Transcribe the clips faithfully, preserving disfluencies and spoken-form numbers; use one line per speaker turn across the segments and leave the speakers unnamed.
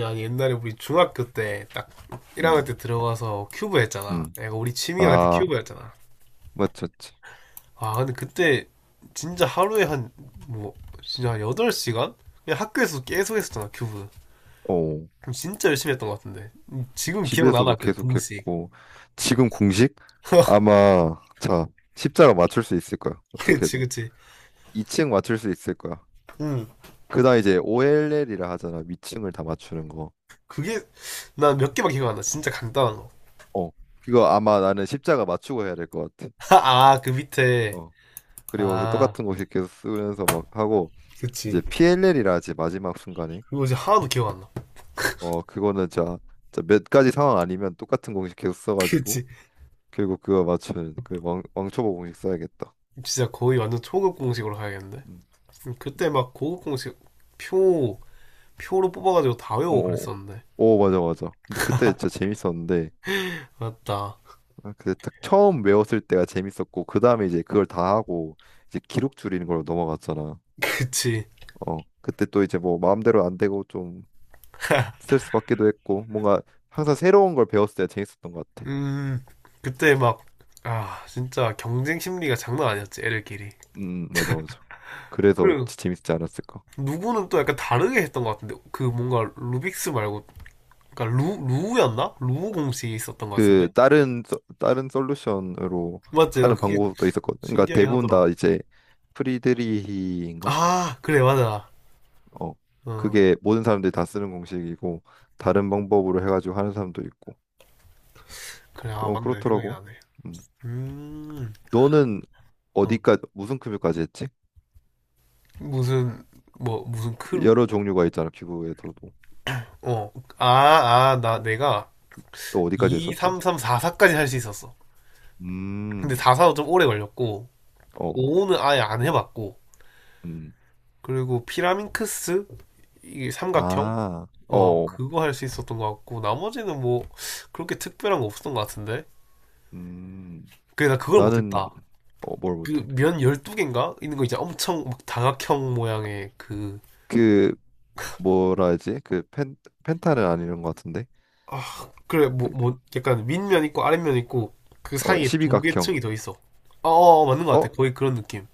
야 옛날에 우리 중학교 때 딱 일 학년
음,
때 들어가서 큐브 했잖아.
음.
내가 우리 취미가 그때
아,
큐브였잖아.
맞췄지.
아 근데 그때 진짜 하루에 한 뭐 진짜 한 여덟 시간? 그냥 학교에서 계속 했었잖아 큐브.
어.
그럼 진짜 열심히 했던 것 같은데. 음, 지금 기억나나
집에서도
그 공식.
계속했고 지금 공식? 아마 자, 십자가 맞출 수 있을 거야.
그치
어떻게든.
그치.
이 층 맞출 수 있을 거야.
응.
그다음 이제 오엘엘이라 하잖아. 위층을 다 맞추는 거.
그게 난 몇 개만 기억 안 나. 진짜 간단한 거.
어. 그거 아마 나는 십자가 맞추고 해야 될 것 같아.
아 그 밑에
어. 그리고 그
아
똑같은 거 계속 쓰면서 막 하고 이제
그치.
피엘엘이라 하지 마지막 순간에.
그거 이제 하나도 기억 안 나.
어, 그거는 자, 자, 몇 가지 상황 아니면 똑같은 공식 계속 써가지고
그치.
결국 그거 맞춘 그 왕, 왕초보 공식 써야겠다.
진짜 거의 완전 초급 공식으로 가야겠는데.
음.
음, 그때 막 고급 공식 표 표로 뽑아가지고 다 외우고
오,
그랬었는데.
오, 맞아, 맞아. 근데 그때 진짜 재밌었는데,
맞다.
아, 그때 딱 처음 외웠을 때가 재밌었고, 그 다음에 이제 그걸 다 하고, 이제 기록 줄이는 걸로 넘어갔잖아.
그치.
어, 그때 또 이제 뭐 마음대로 안 되고 좀 스트레스 받기도 했고, 뭔가 항상 새로운 걸 배웠을 때가 재밌었던 것 같아.
음 그때 막 아 진짜 경쟁 심리가 장난 아니었지 애들끼리.
음, 음, 맞아, 맞아. 그래서
그리고
지- 재밌지 않았을까?
누구는 또 약간 다르게 했던 것 같은데 그 뭔가 루빅스 말고 그러니까 루 루우였나? 루우 공식이 있었던 것
그
같은데.
다른 소- 다른 솔루션으로
맞지? 나
하는
그게
방법도 있었거든. 그러니까
신기하긴
대부분 다
하더라.
이제 프리드리히인가?
아 그래 맞아.
어.
어
그게 모든 사람들이 다 쓰는 공식이고 다른 방법으로 해가지고 하는 사람도 있고.
그래 아
그- 어,
맞네 생각이
그렇더라고.
나네.
음.
음.
너는
어.
어디까지 무슨 급여까지 했지?
무슨 뭐 무슨 크루?
여러 종류가 있잖아. 기부에서도.
어. 아, 아, 나 내가
또 어디까지
이,
했었지?
삼, 삼, 사, 사까지 할 수 있었어. 근데
음.
사, 사도 좀 오래 걸렸고
어.
오는 아예 안 해봤고
음.
그리고 피라민크스 이게 삼각형
아.
어
어.
그거 할 수 있었던 것 같고 나머지는 뭐 그렇게 특별한 거 없었던 것 같은데
음.
그래 나 그걸
나는
못했다.
어, 뭘
그
못해?
면 열두 개인가 있는 거 있잖아, 엄청 막 다각형 모양의 그.
그 뭐라 하지? 그 펜, 펜타는 아니는 것 같은데.
아, 그래, 뭐,
그,
뭐, 약간 윗면 있고 아랫면 있고 그
어,
사이에 두 개
십이각형.
층이 더 있어. 어, 어, 어, 맞는 것 같아.
어?
거의 그런 느낌.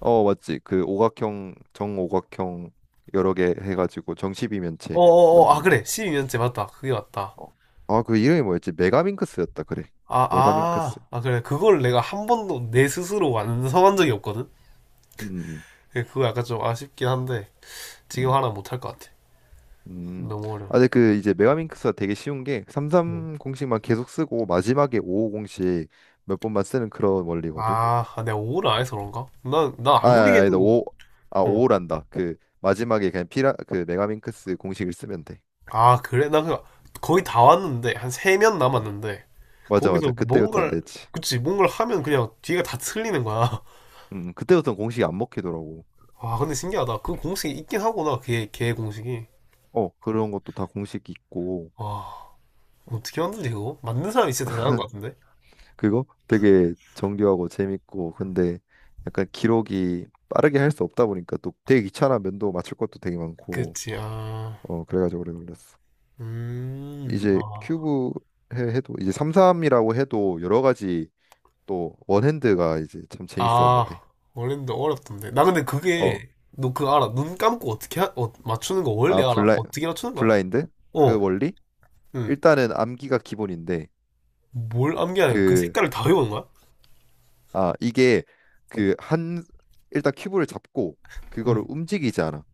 어, 맞지. 그 오각형, 정오각형 여러 개 해가지고
어,
정십이면체
어, 어, 아,
만든 거.
그래. 십이 년째 맞다. 그게 맞다.
어. 아, 그 이름이 뭐였지? 메가민크스였다. 그래.
아,
메가민크스.
아, 아, 그래. 그걸 내가 한 번도 내 스스로 완성한 적이 없거든?
음, 음,
그래, 그거 약간 좀 아쉽긴 한데 지금
음.
하나 못 할 것 같아.
음. 음.
너무 어려워.
아, 근데 그 이제 메가민크스가 되게 쉬운 게
어.
삼삼 공식만 계속 쓰고 마지막에 오오 공식 몇 번만 쓰는 그런 원리거든.
아, 아, 내가 오를 안 해서 그런가? 난, 난
아,
아무리
아, 아니다.
해도.
오, 아,
어.
오란다. 그 마지막에 그냥 피라 그 메가민크스 공식을 쓰면 돼.
아, 그래? 나 그, 거의 다 왔는데, 한 세면
어.
남았는데,
맞아, 맞아.
거기서
그때부터 안
뭔가를,
됐지.
그치, 뭔가를 하면 그냥 뒤가 다 틀리는 거야.
음, 음. 그때부터는 공식이 안 먹히더라고.
와, 근데 신기하다. 그 공식이 있긴 하구나, 걔, 걔 공식이.
어, 그런 것도 다 공식 있고.
와,
어,
어떻게 만드지, 그거? 만든 사람이 진짜 대단한 것 같은데?
그거 되게 정교하고 재밌고. 근데 약간 기록이 빠르게 할 수 없다 보니까 또 되게 귀찮아. 면도 맞출 것도 되게 많고.
그치, 아,
어, 그래가지고 오래 걸렸어.
음,
이제
아,
큐브 해- 해도 이제 삼, 삼이라고 해도 여러 가지 또 원핸드가 이제 참
아,
재밌었는데.
원래는 어렵던데. 나 근데
어,
그게, 너 그거 알아? 눈 감고 어떻게, 하- 어, 맞추는 거 원래
아,
알아?
블라인,
어떻게 맞추는 거야?
블라인드?
어,
그 원리?
응.
일단은 암기가 기본인데,
뭘 암기하냐? 그
그,
색깔을 다 외우는 거야?
아, 이게 그 한, 일단 큐브를 잡고, 그거를
응.
움직이지 않아.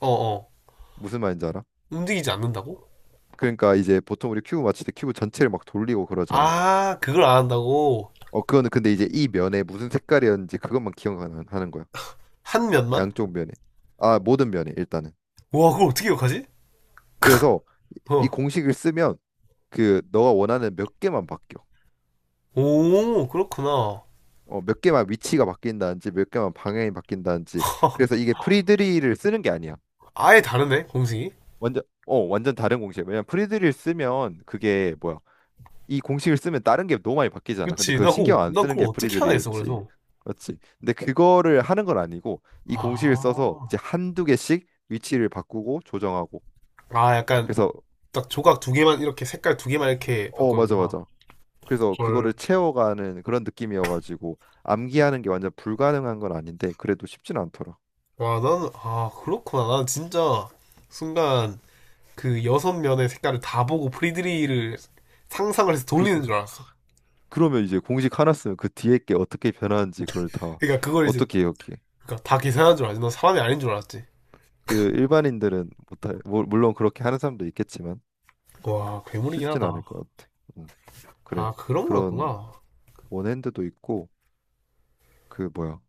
어어.
무슨 말인지 알아?
움직이지 않는다고?
그러니까 이제 보통 우리 큐브 맞출 때 큐브 전체를 막 돌리고 그러잖아.
아, 그걸 안 한다고?
어, 그거는 근데 이제 이 면에 무슨 색깔이었는지 그것만 기억하는 하는 거야.
한 면만?
양쪽 면에. 아, 모든 면에 일단은.
와, 그걸 어떻게 기억하지?
그래서 이
어.
공식을 쓰면 그 너가 원하는 몇 개만 바뀌어.
오, 그렇구나.
어, 몇 개만 위치가 바뀐다든지 몇 개만 방향이 바뀐다든지 그래서 이게 프리드리를 쓰는 게 아니야.
아예 다르네, 공식이.
완전 어 완전 다른 공식이야. 왜냐면 프리드리를 쓰면 그게 뭐야? 이 공식을 쓰면 다른 게 너무 많이 바뀌잖아. 근데
그치.
그거
나
신경
그거,
안
난
쓰는
그걸
게
어떻게 하나 했어,
프리드리였지.
그래서.
그렇지. 근데 그거를 하는 건 아니고 이 공식을 써서
아.
이제 한두 개씩 위치를 바꾸고 조정하고
아, 약간,
그래서
딱 조각 두 개만, 이렇게 색깔 두 개만 이렇게
어 맞아
바꾸는구나.
맞아. 그래서
헐.
그거를 채워가는 그런 느낌이어가지고 암기하는 게 완전 불가능한 건 아닌데 그래도 쉽진 않더라.
와, 나는, 아, 그렇구나. 난 진짜, 순간, 그 여섯 면의 색깔을 다 보고 프리드리히를 상상을 해서
그
돌리는 줄 알았어.
그러면 이제 공식 하나 쓰면 그 뒤에 게 어떻게 변하는지 그걸 다
그러니까 그걸 이제,
어떻게 기억해?
그러니까 다 계산한 줄 알았지. 너 사람이 아닌 줄 알았지.
그 일반인들은 못할, 물- 물론 그렇게 하는 사람도 있겠지만
와, 괴물이긴
쉽진
하다.
않을 것 같아. 음, 그래.
아, 그런
그런
거였구나.
원핸드도 있고 그 뭐야?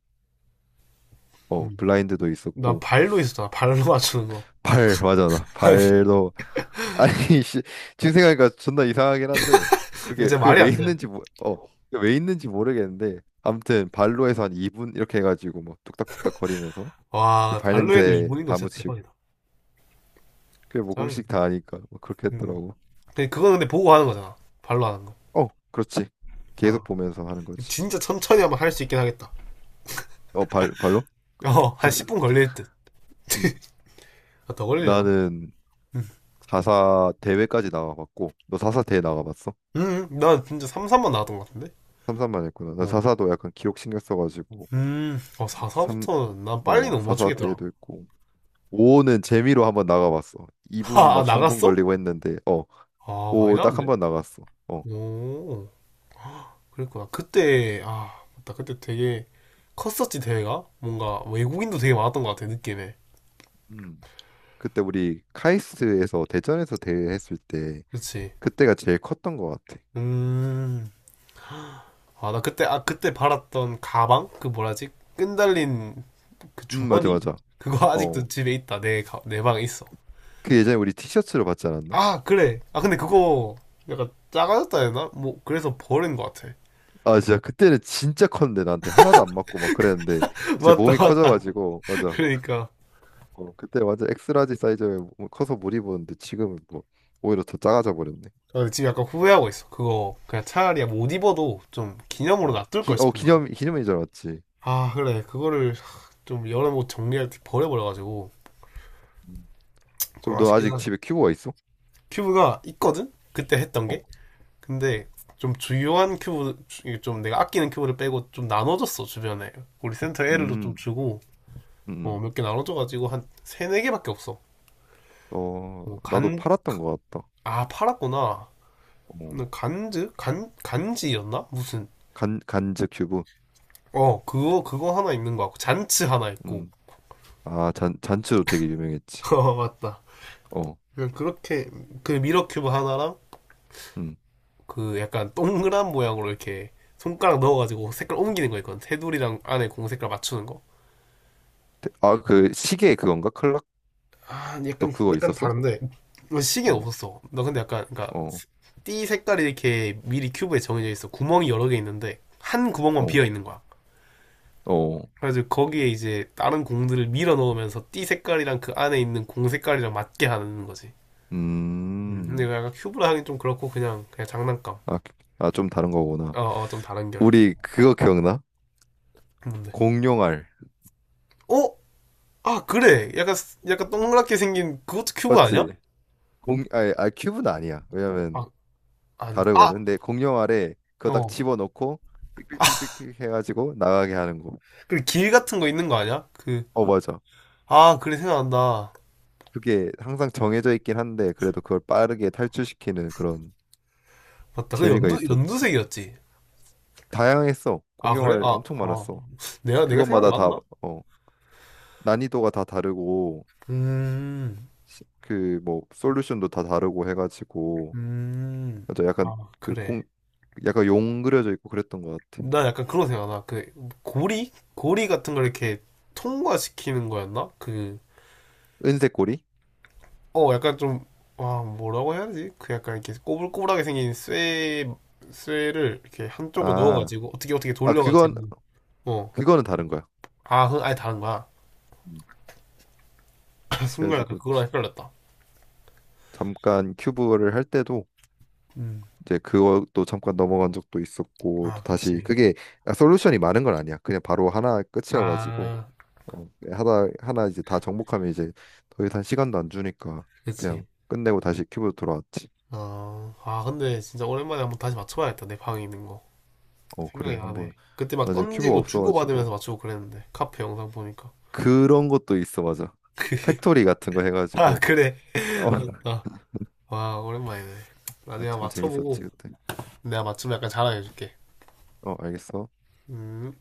어,
음.
블라인드도
난
있었고
발로 있었잖아. 발로 맞추는 거.
발 맞아 나
아니, 이게
발도 아니 씨, 지금 생각하니까 존나 이상하긴 한데 그게
진짜 말이
그게 왜
안 돼.
있는지 모, 어, 그게 왜 있는지 모르겠는데 아무튼 발로 해서 한 이 분 이렇게 해가지고 막 뚝딱뚝딱 거리면서
와,
발
발로 해도
냄새
일본인 거
다
진짜
묻히고
대박이다.
그게 뭐
짱이네.
공식 다 아니까 뭐 그렇게
음.
했더라고.
근데 그건 근데 보고 하는 거잖아. 발로 하는 거.
어, 그렇지. 계속
아,
보면서 하는 거지.
진짜 천천히 하면 할 수 있긴 하겠다.
어, 발 발로?
어, 한 십 분 걸릴 듯.
음.
아, 더 걸리려나?
나는
음,
사사 대회까지 나가봤고, 너 사사 대회 나가봤어?
음, 난 진짜 삼, 사만 나왔던 것 같은데?
삼삼만 했구나. 나
어.
사사도 약간 기록 신경 써가지고
음, 어, 사,
삼,
사부터는 난 빨리
어,
못
사사
맞추겠더라.
대회도 했고. 오는 재미로 한번 나가봤어. 이 분
아,
막 삼 분
나갔어?
걸리고 했는데, 어,
아, 많이
오 딱 한
나왔네.
번 나갔어. 어,
오. 그랬구나. 그때 아 맞다. 그때 되게 컸었지 대회가, 뭔가 외국인도 되게 많았던 것 같아 느낌에.
음. 그때 우리 카이스트에서 대전에서 대회 했을 때
그치.
그때가 제일 컸던 것 같아.
음. 아 나 그때 아 그때 팔았던 가방 그 뭐라지, 끈달린 그
음, 맞아,
주머니
맞아.
그거
어,
아직도 집에 있다. 내내 방에 있어.
그 예전에 우리 티셔츠로 받지 않았나?
아 그래. 아 근데 그거 약간 작아졌다 해야 되나? 뭐 그래서 버린 것 같아.
아 진짜 그때는 진짜 컸는데 나한테 하나도 안 맞고 막 그랬는데 이제
맞다
몸이
맞다.
커져가지고 맞아
그러니까.
어 그때 완전 엑스라지 사이즈에 몸- 커서 못 입었는데 지금은 뭐 오히려 더 작아져 버렸네
아, 지금 약간 후회하고 있어. 그거 그냥 차라리 못 입어도 좀 기념으로
어
놔둘
기
걸
어
싶은 거야.
기념 기념일인 줄 알았지
아 그래 그거를 좀 여러 모 정리할 때 버려버려가지고
음.
좀
그럼 너
아쉽긴
아직
하죠.
집에 큐브가 있어?
큐브가 있거든 그때 했던
어
게. 근데 좀 주요한 큐브 주- 좀 내가 아끼는 큐브를 빼고 좀 나눠줬어 주변에. 우리 센터 애도좀
음,
주고.
음,
어,
음.
몇 개 나눠줘가지고 한 세네 개밖에 없어.
어, 나도
뭐간아.
팔았던 것 같다.
팔았구나.
어,
근데 간즈 간 간지였나 무슨.
간, 간즈 큐브.
어 그거 그거 하나 있는 거 같고 잔츠 하나 있고.
음, 아, 잔, 잔츠도 되게 유명했지.
어 맞다.
어,
그냥 그렇게 그 미러 큐브 하나랑
음.
그 약간 동그란 모양으로 이렇게 손가락 넣어가지고 색깔 옮기는 거 있거든. 테두리랑 안에 공 색깔 맞추는 거.
아, 그 시계 그건가? 클락?
아,
너
약간
그거
약간
있었어?
다른데. 뭐 시계는
어.
없었어. 나 근데 약간 그러니까
어,
띠 색깔이 이렇게 미리 큐브에 정해져 있어. 구멍이 여러 개 있는데 한 구멍만
어,
비어 있는 거야.
어,
그래서 거기에 이제 다른 공들을 밀어 넣으면서 띠 색깔이랑 그 안에 있는 공 색깔이랑 맞게 하는 거지. 음, 근데
음,
이거 약간 큐브라 하긴 좀 그렇고 그냥 그냥 장난감.
아, 아, 좀 다른 거구나.
어, 어, 좀 다른 결.
우리 그거 기억나?
뭔데?
공룡알,
어? 아, 그래. 약간, 약간 동그랗게 생긴, 그것도 큐브 아니야?
맞지? 공, 아니, 아, 큐브는 아니야. 왜냐면
아, 아닌가? 아!
다르거든. 근데 공룡알에 그거 딱
어.
집어넣고 삑삑삑삑삑 해가지고 나가게 하는 거.
그리고 길 같은 거 있는 거 아니야? 그,
어, 맞아.
아, 그래, 생각난다.
그게 항상 정해져 있긴 한데 그래도 그걸 빠르게 탈출시키는 그런
맞다. 그
재미가
연두,
있었지.
연두색이었지.
다양했어.
아, 그래?
공룡알
아,
엄청
아.
많았어.
내가, 내가 생각이
그것마다 다,
맞나?
어, 난이도가 다 다르고.
음,
그 뭐 솔루션도 다 다르고 해가지고
음.
맞아 약간
아,
그
그래.
공 약간 용 그려져 있고 그랬던 것 같아.
나 약간 그런 생각 나. 그, 고리? 고리 같은 걸 이렇게 통과시키는 거였나? 그,
은색 고리?
어, 약간 좀, 와, 뭐라고 해야 되지? 그 약간 이렇게 꼬불꼬불하게 생긴 쇠, 쇠를 이렇게 한쪽으로
아,
넣어가지고, 어떻게 어떻게
아 그건
돌려가지고, 어,
그거는 다른 거야.
아, 그건 아예 다른 거야.
음.
순간 약간
그래가지고
그거랑 헷갈렸다.
잠깐 큐브를 할 때도
음.
이제 그것도 잠깐 넘어간 적도 있었고 또
아,
다시
그치.
그게 아, 솔루션이 많은 건 아니야. 그냥 바로 하나 끝이어가지고
아,
어, 하나 하나 이제 다 정복하면 이제 더 이상 시간도 안 주니까
그치.
그냥 끝내고 다시 큐브로 돌아왔지.
어, 아, 근데 진짜 오랜만에 한번 다시 맞춰봐야겠다. 내 방에 있는 거.
어 그래
생각이 나네.
한번
그때 막
나중에 큐브가
던지고 주고받으면서
없어가지고
맞추고 그랬는데, 카페 영상 보니까.
그런 것도 있어 맞아 팩토리 같은 거
아,
해가지고
그래.
어
맞다. 와, 오랜만이네. 나중에
참
한번
재밌었지
맞춰보고,
그때
내가 맞추면 약간 자랑해줄게.
어 알겠어
음.